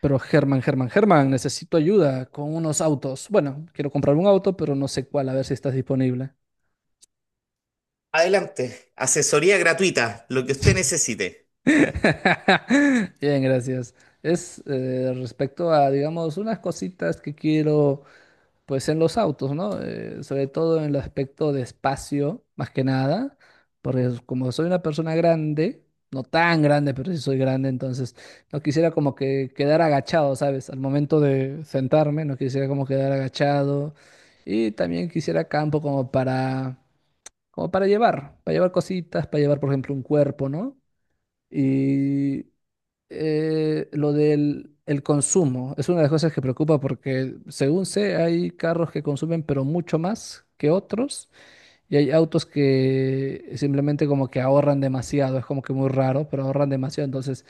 Pero Germán, Germán, Germán, necesito ayuda con unos autos. Bueno, quiero comprar un auto, pero no sé cuál, a ver si estás disponible. Adelante, asesoría gratuita, lo que usted necesite. Bien, gracias. Es respecto a, digamos, unas cositas que quiero. Pues en los autos, ¿no? Sobre todo en el aspecto de espacio, más que nada, porque como soy una persona grande, no tan grande, pero sí soy grande, entonces no quisiera como que quedar agachado, ¿sabes? Al momento de sentarme, no quisiera como quedar agachado y también quisiera campo como para, como para llevar cositas, para llevar, por ejemplo, un cuerpo, ¿no? Y lo del el consumo es una de las cosas que preocupa porque, según sé, hay carros que consumen pero mucho más que otros y hay autos que simplemente como que ahorran demasiado, es como que muy raro, pero ahorran demasiado. Entonces,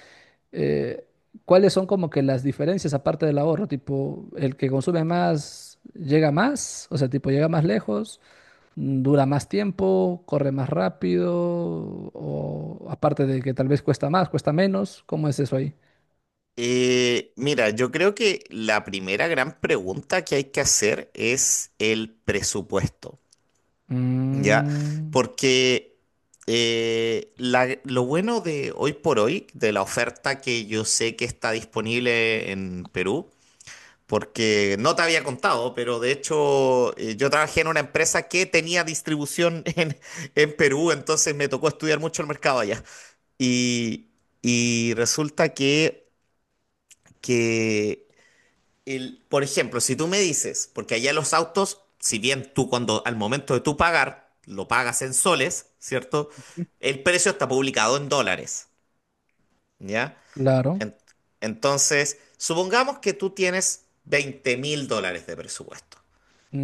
eh, ¿cuáles son como que las diferencias aparte del ahorro? Tipo, el que consume más llega más, o sea, tipo llega más lejos, dura más tiempo, corre más rápido, o aparte de que tal vez cuesta más, cuesta menos, ¿cómo es eso ahí? Mira, yo creo que la primera gran pregunta que hay que hacer es el presupuesto, ¿ya? Mm, Porque lo bueno de hoy por hoy, de la oferta que yo sé que está disponible en Perú, porque no te había contado, pero de hecho yo trabajé en una empresa que tenía distribución en Perú, entonces me tocó estudiar mucho el mercado allá. Y, y resulta que por ejemplo, si tú me dices, porque allá los autos, si bien tú cuando al momento de tú pagar, lo pagas en soles, ¿cierto? El precio está publicado en dólares, ¿ya? claro. En- entonces, supongamos que tú tienes $20,000 de presupuesto,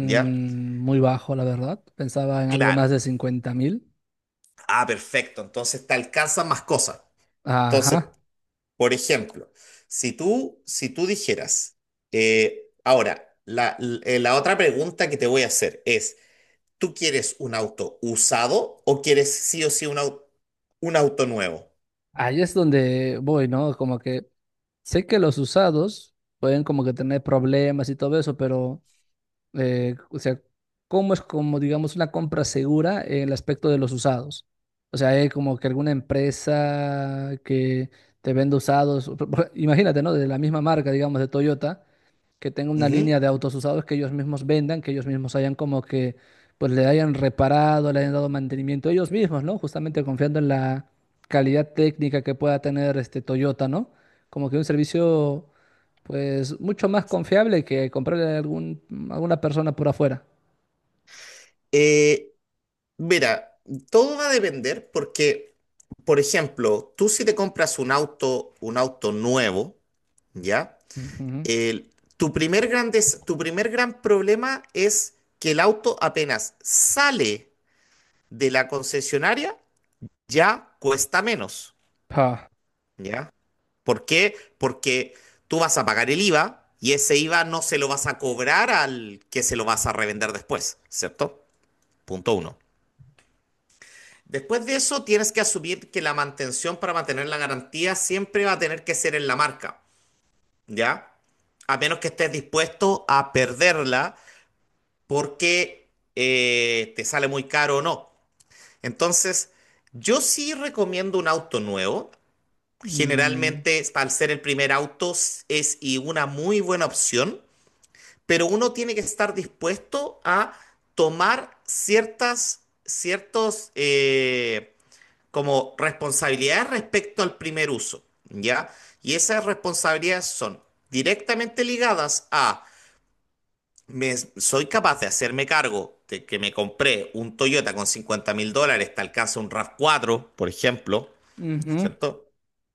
¿ya? muy bajo, la verdad. Pensaba en algo Claro. más de 50 mil. Ah, perfecto. Entonces te alcanzan más cosas. Entonces, Ajá. por ejemplo, si tú dijeras, ahora, la otra pregunta que te voy a hacer es, ¿tú quieres un auto usado o quieres sí o sí un auto nuevo? Ahí es donde voy, ¿no? Como que sé que los usados pueden como que tener problemas y todo eso, pero, o sea, ¿cómo es como, digamos, una compra segura en el aspecto de los usados? O sea, hay como que alguna empresa que te vende usados, imagínate, ¿no? De la misma marca, digamos, de Toyota que tenga una línea Ujú. de autos usados que ellos mismos vendan, que ellos mismos hayan como que, pues le hayan reparado, le hayan dado mantenimiento ellos mismos, ¿no? Justamente confiando en la calidad técnica que pueda tener este Toyota, ¿no? Como que un servicio, pues, mucho más confiable que comprarle a algún, alguna persona por afuera. Eh, Mira, todo va a depender porque, por ejemplo, tú si te compras un auto nuevo, ¿ya? Ujú. El- tu primer gran problema es que el auto apenas sale de la concesionaria ya cuesta menos, Ah. ¿ya? ¿Por qué? Porque tú vas a pagar el IVA y ese IVA no se lo vas a cobrar al que se lo vas a revender después, ¿cierto? Punto uno. Después de eso, tienes que asumir que la mantención para mantener la garantía siempre va a tener que ser en la marca, ¿ya? A menos que estés dispuesto a perderla porque te sale muy caro o no. Entonces, yo sí recomiendo un auto nuevo. Mm, Generalmente, al ser el primer auto, es y una muy buena opción, pero uno tiene que estar dispuesto a tomar ciertos, como responsabilidades respecto al primer uso, ¿ya? Y esas responsabilidades son directamente ligadas a, soy capaz de hacerme cargo de que me compré un Toyota con $50,000, te alcanza un RAV4, por ejemplo, ujú. ¿cierto?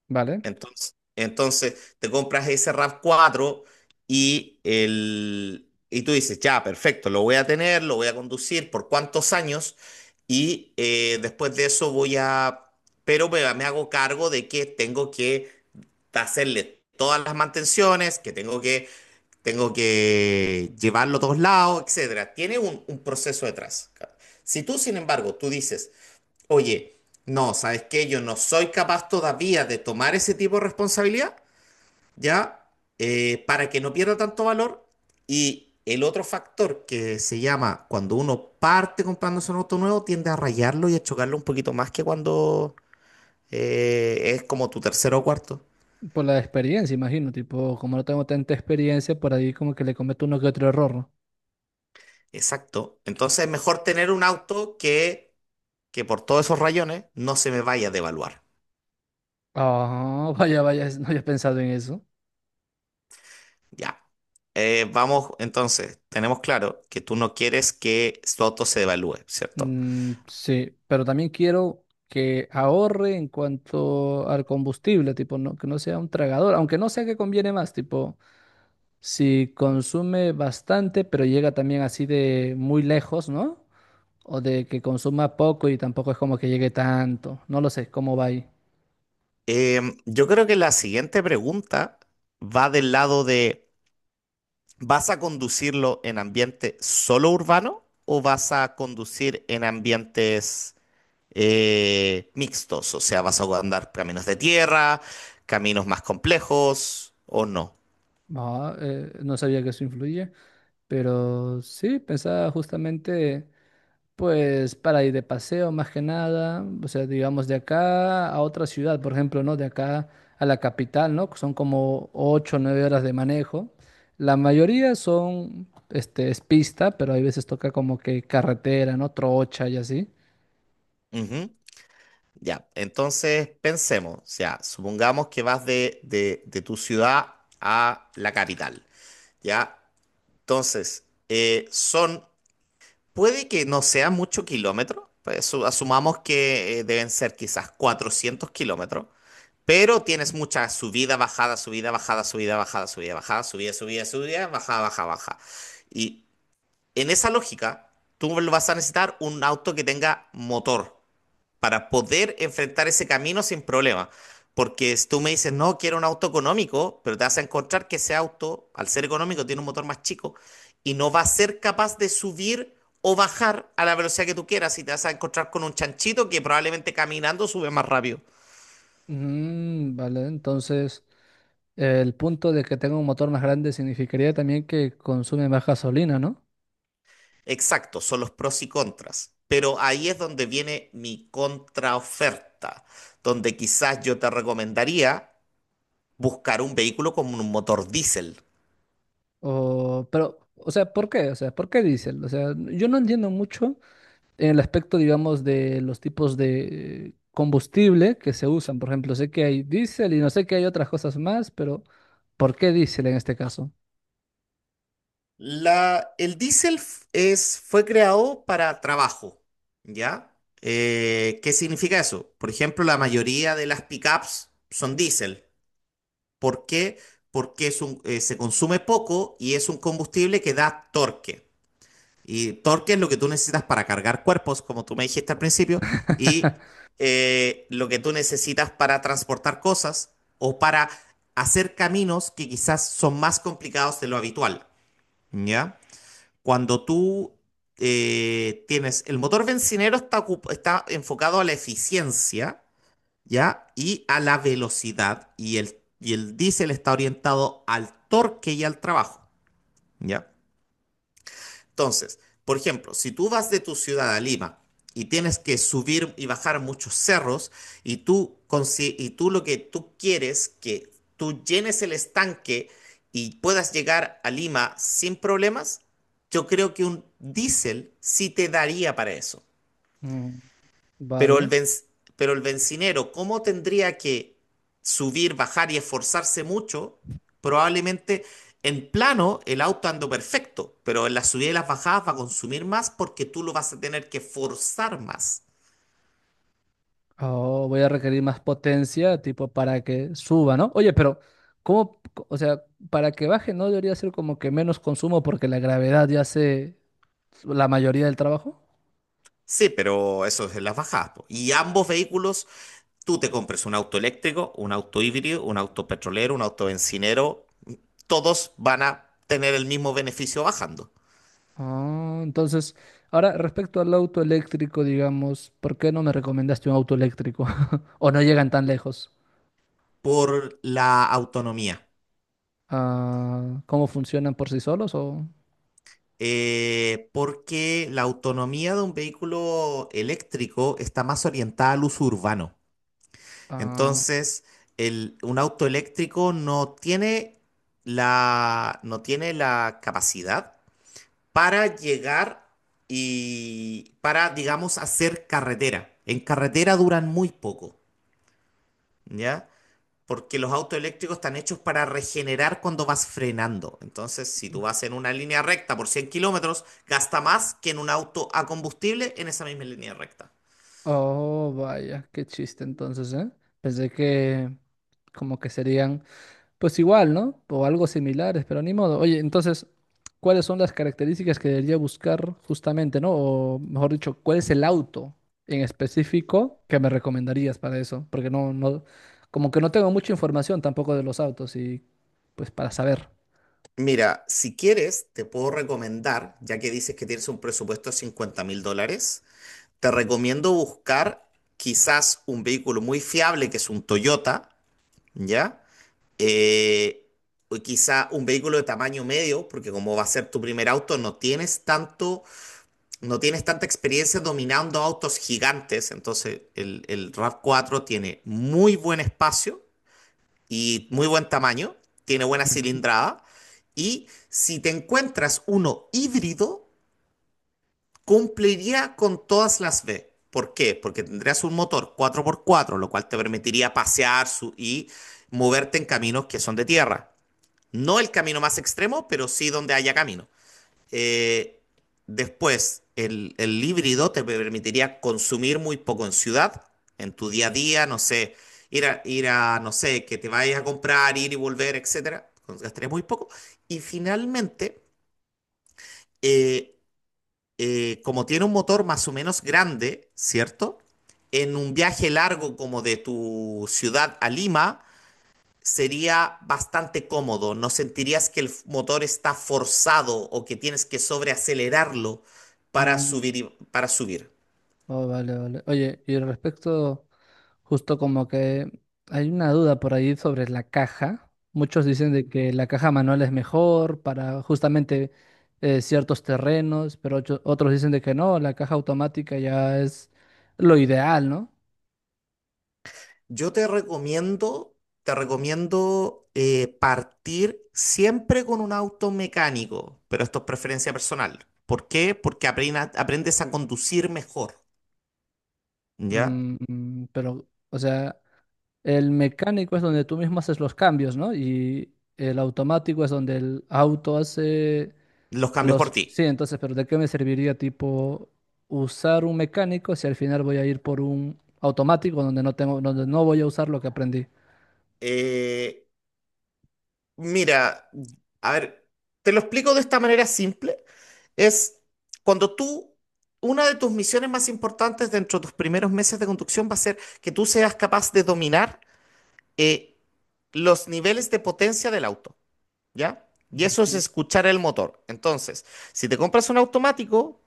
Vale. Entonces, entonces te compras ese RAV4 y, el, y tú dices, ya, perfecto, lo voy a tener, lo voy a conducir por cuántos años y después de eso voy a, pero me hago cargo de que tengo que hacerle todas las mantenciones, que tengo que llevarlo a todos lados, etcétera. Tiene un proceso detrás. Si tú, sin embargo, tú dices, oye, no, ¿sabes qué? Yo no soy capaz todavía de tomar ese tipo de responsabilidad, ¿ya? Para que no pierda tanto valor. Y el otro factor que se llama cuando uno parte comprándose un auto nuevo, tiende a rayarlo y a chocarlo un poquito más que cuando es como tu tercero o cuarto. Por la experiencia, imagino, tipo, como no tengo tanta experiencia, por ahí como que le cometo uno que otro error, ¿no? Exacto. Entonces es mejor tener un auto que por todos esos rayones no se me vaya a devaluar. Ah, vaya, vaya, no había pensado en eso. Ya. Vamos, entonces, tenemos claro que tú no quieres que su auto se devalúe, ¿cierto? Mm, sí, pero también quiero que ahorre en cuanto al combustible, tipo, no, que no sea un tragador, aunque no sea que conviene más, tipo, si consume bastante, pero llega también así de muy lejos, ¿no? O de que consuma poco y tampoco es como que llegue tanto, no lo sé, ¿cómo va ahí? Yo creo que la siguiente pregunta va del lado de, ¿vas a conducirlo en ambiente solo urbano o vas a conducir en ambientes mixtos? O sea, ¿vas a andar caminos de tierra, caminos más complejos o no? Ah, no sabía que eso influye, pero sí, pensaba justamente... Pues para ir de paseo más que nada, o sea, digamos de acá a otra ciudad, por ejemplo, ¿no? De acá a la capital, ¿no? Que son como 8, o 9 horas de manejo. La mayoría son, este, es pista, pero hay veces toca como que carretera, ¿no? Trocha y así. Ujú. Ya, entonces pensemos, o sea, supongamos que vas de tu ciudad a la capital, ¿ya? Entonces, puede que no sea mucho kilómetro, pues, asumamos que deben ser quizás 400 kilómetros, pero tienes mucha subida, bajada, subida, bajada, subida, bajada, subida, bajada, subida, subida, subida, bajada, baja, baja. Y en esa lógica, tú vas a necesitar un auto que tenga motor para poder enfrentar ese camino sin problema. Porque si tú me dices, no, quiero un auto económico, pero te vas a encontrar que ese auto, al ser económico, tiene un motor más chico y no va a ser capaz de subir o bajar a la velocidad que tú quieras y te vas a encontrar con un chanchito que probablemente caminando sube más rápido. Mm, vale, entonces el punto de que tenga un motor más grande significaría también que consume más gasolina, ¿no? Exacto, son los pros y contras. Pero ahí es donde viene mi contraoferta, donde quizás yo te recomendaría buscar un vehículo con un motor diésel. O, pero, o sea, ¿por qué? O sea, ¿por qué diésel? O sea, yo no entiendo mucho en el aspecto, digamos, de los tipos de combustible que se usan. Por ejemplo, sé que hay diésel y no sé que hay otras cosas más, pero ¿por qué diésel en este caso? El diésel fue creado para trabajo, ¿ya? ¿Qué significa eso? Por ejemplo, la mayoría de las pickups son diésel. ¿Por qué? Porque se consume poco y es un combustible que da torque. Y torque es lo que tú necesitas para cargar cuerpos, como tú me dijiste al principio, y lo que tú necesitas para transportar cosas o para hacer caminos que quizás son más complicados de lo habitual, ¿ya? Cuando tú el motor bencinero está enfocado a la eficiencia, ¿ya? Y a la velocidad, y el diésel está orientado al torque y al trabajo, ¿ya? Entonces, por ejemplo, si tú vas de tu ciudad a Lima y tienes que subir y bajar muchos cerros y tú lo que tú quieres que tú llenes el estanque y puedas llegar a Lima sin problemas, yo creo que un diésel sí te daría para eso. Mm. Pero el Vale. benz- pero el bencinero, ¿cómo tendría que subir, bajar y esforzarse mucho? Probablemente en plano el auto ando perfecto, pero en las subidas y las bajadas va a consumir más porque tú lo vas a tener que forzar más. Oh, voy a requerir más potencia, tipo, para que suba, ¿no? Oye, pero, ¿cómo? O sea, para que baje, ¿no debería ser como que menos consumo porque la gravedad ya hace la mayoría del trabajo? Sí, pero eso es en las bajadas, po. Y ambos vehículos, tú te compres un auto eléctrico, un auto híbrido, un auto petrolero, un auto bencinero, todos van a tener el mismo beneficio bajando Ah, entonces, ahora respecto al auto eléctrico, digamos, ¿por qué no me recomendaste un auto eléctrico? ¿O no llegan tan lejos? por la autonomía. Ah, ¿cómo funcionan por sí solos? O, Porque la autonomía de un vehículo eléctrico está más orientada al uso urbano. ah, Entonces, un auto eléctrico no tiene la capacidad para llegar y para, digamos, hacer carretera. En carretera duran muy poco, ¿ya? Porque los autos eléctricos están hechos para regenerar cuando vas frenando. Entonces, si tú vas en una línea recta por 100 kilómetros, gasta más que en un auto a combustible en esa misma línea recta. oh, vaya, qué chiste entonces, ¿eh? Pensé que como que serían pues igual, ¿no? O algo similares, pero ni modo. Oye, entonces, ¿cuáles son las características que debería buscar justamente, ¿no? O mejor dicho, ¿cuál es el auto en específico que me recomendarías para eso? Porque como que no tengo mucha información tampoco de los autos y pues para saber. Mira, si quieres, te puedo recomendar, ya que dices que tienes un presupuesto de 50 mil dólares, te recomiendo buscar quizás un vehículo muy fiable, que es un Toyota, ¿ya? Eh, o quizá un vehículo de tamaño medio, porque como va a ser tu primer auto, no tienes tanta experiencia dominando autos gigantes, entonces el RAV4 tiene muy buen espacio y muy buen tamaño, tiene buena Mm. cilindrada y si te encuentras uno híbrido, cumpliría con todas las B. ¿Por qué? Porque tendrías un motor 4x4, lo cual te permitiría pasear y moverte en caminos que son de tierra. No el camino más extremo, pero sí donde haya camino. Eh, Después, el híbrido te permitiría consumir muy poco en ciudad, en tu día a día, no sé, ir a, no sé, que te vayas a comprar, ir y volver, etcétera. Gastarías muy poco. Y finalmente, eh, como tiene un motor más o menos grande, ¿cierto? En un viaje largo como de tu ciudad a Lima, sería bastante cómodo. No sentirías que el motor está forzado o que tienes que sobreacelerarlo para subir, Mm. y- para subir. Oh, vale, vale. Oye, y al respecto, justo como que hay una duda por ahí sobre la caja. Muchos dicen de que la caja manual es mejor para justamente ciertos terrenos, pero otros dicen de que no, la caja automática ya es lo ideal, ¿no? Yo te recomiendo partir siempre con un auto mecánico, pero esto es preferencia personal. ¿Por qué? Porque aprendes a conducir mejor, ¿ya? Mm, mm, pero, o sea, el mecánico es donde tú mismo haces los cambios, ¿no? Y el automático es donde el auto hace. Los cambios por Los, ti. sí, entonces, pero ¿de qué me serviría tipo usar un mecánico si al final voy a ir por un automático donde donde no voy a usar lo que aprendí? Eh, Mira, a ver, te lo explico de esta manera simple. Es cuando tú, una de tus misiones más importantes dentro de tus primeros meses de conducción va a ser que tú seas capaz de dominar eh, los niveles de potencia del auto, ¿ya? Y eso es Ujú. escuchar el motor. Entonces, si te compras un automático,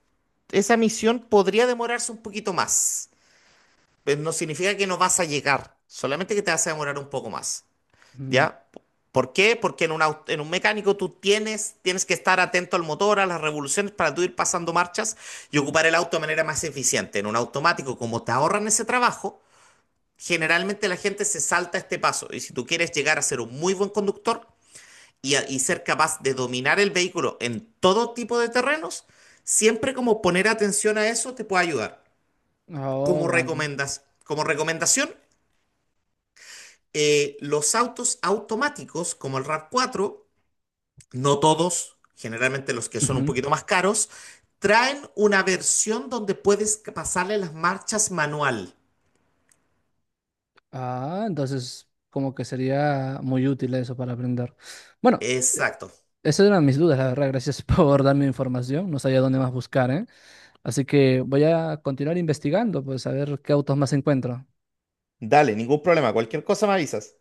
esa misión podría demorarse un poquito más. Pero no significa que no vas a llegar, solamente que te vas a demorar un poco más. Mm. ¿Ya? ¿Por qué? Porque en un mecánico tú tienes que estar atento al motor, a las revoluciones para tú ir pasando marchas y ocupar el auto de manera más eficiente. En un automático, como te ahorran ese trabajo, generalmente la gente se salta este paso. Y si tú quieres llegar a ser un muy buen conductor y ser capaz de dominar el vehículo en todo tipo de terrenos, siempre como poner atención a eso te puede ayudar. Oh, Como vale. recomendas, como recomendación, los autos automáticos como el RAV4 no todos, generalmente los que son un Ujú. poquito más caros, traen una versión donde puedes pasarle las marchas manual. Ah, entonces como que sería muy útil eso para aprender. Bueno, Exacto. esas eran mis dudas, la verdad. Gracias por darme información. No sabía dónde más buscar, ¿eh? Así que voy a continuar investigando, pues a ver qué autos más encuentro. Dale, ningún problema. Cualquier cosa me avisas.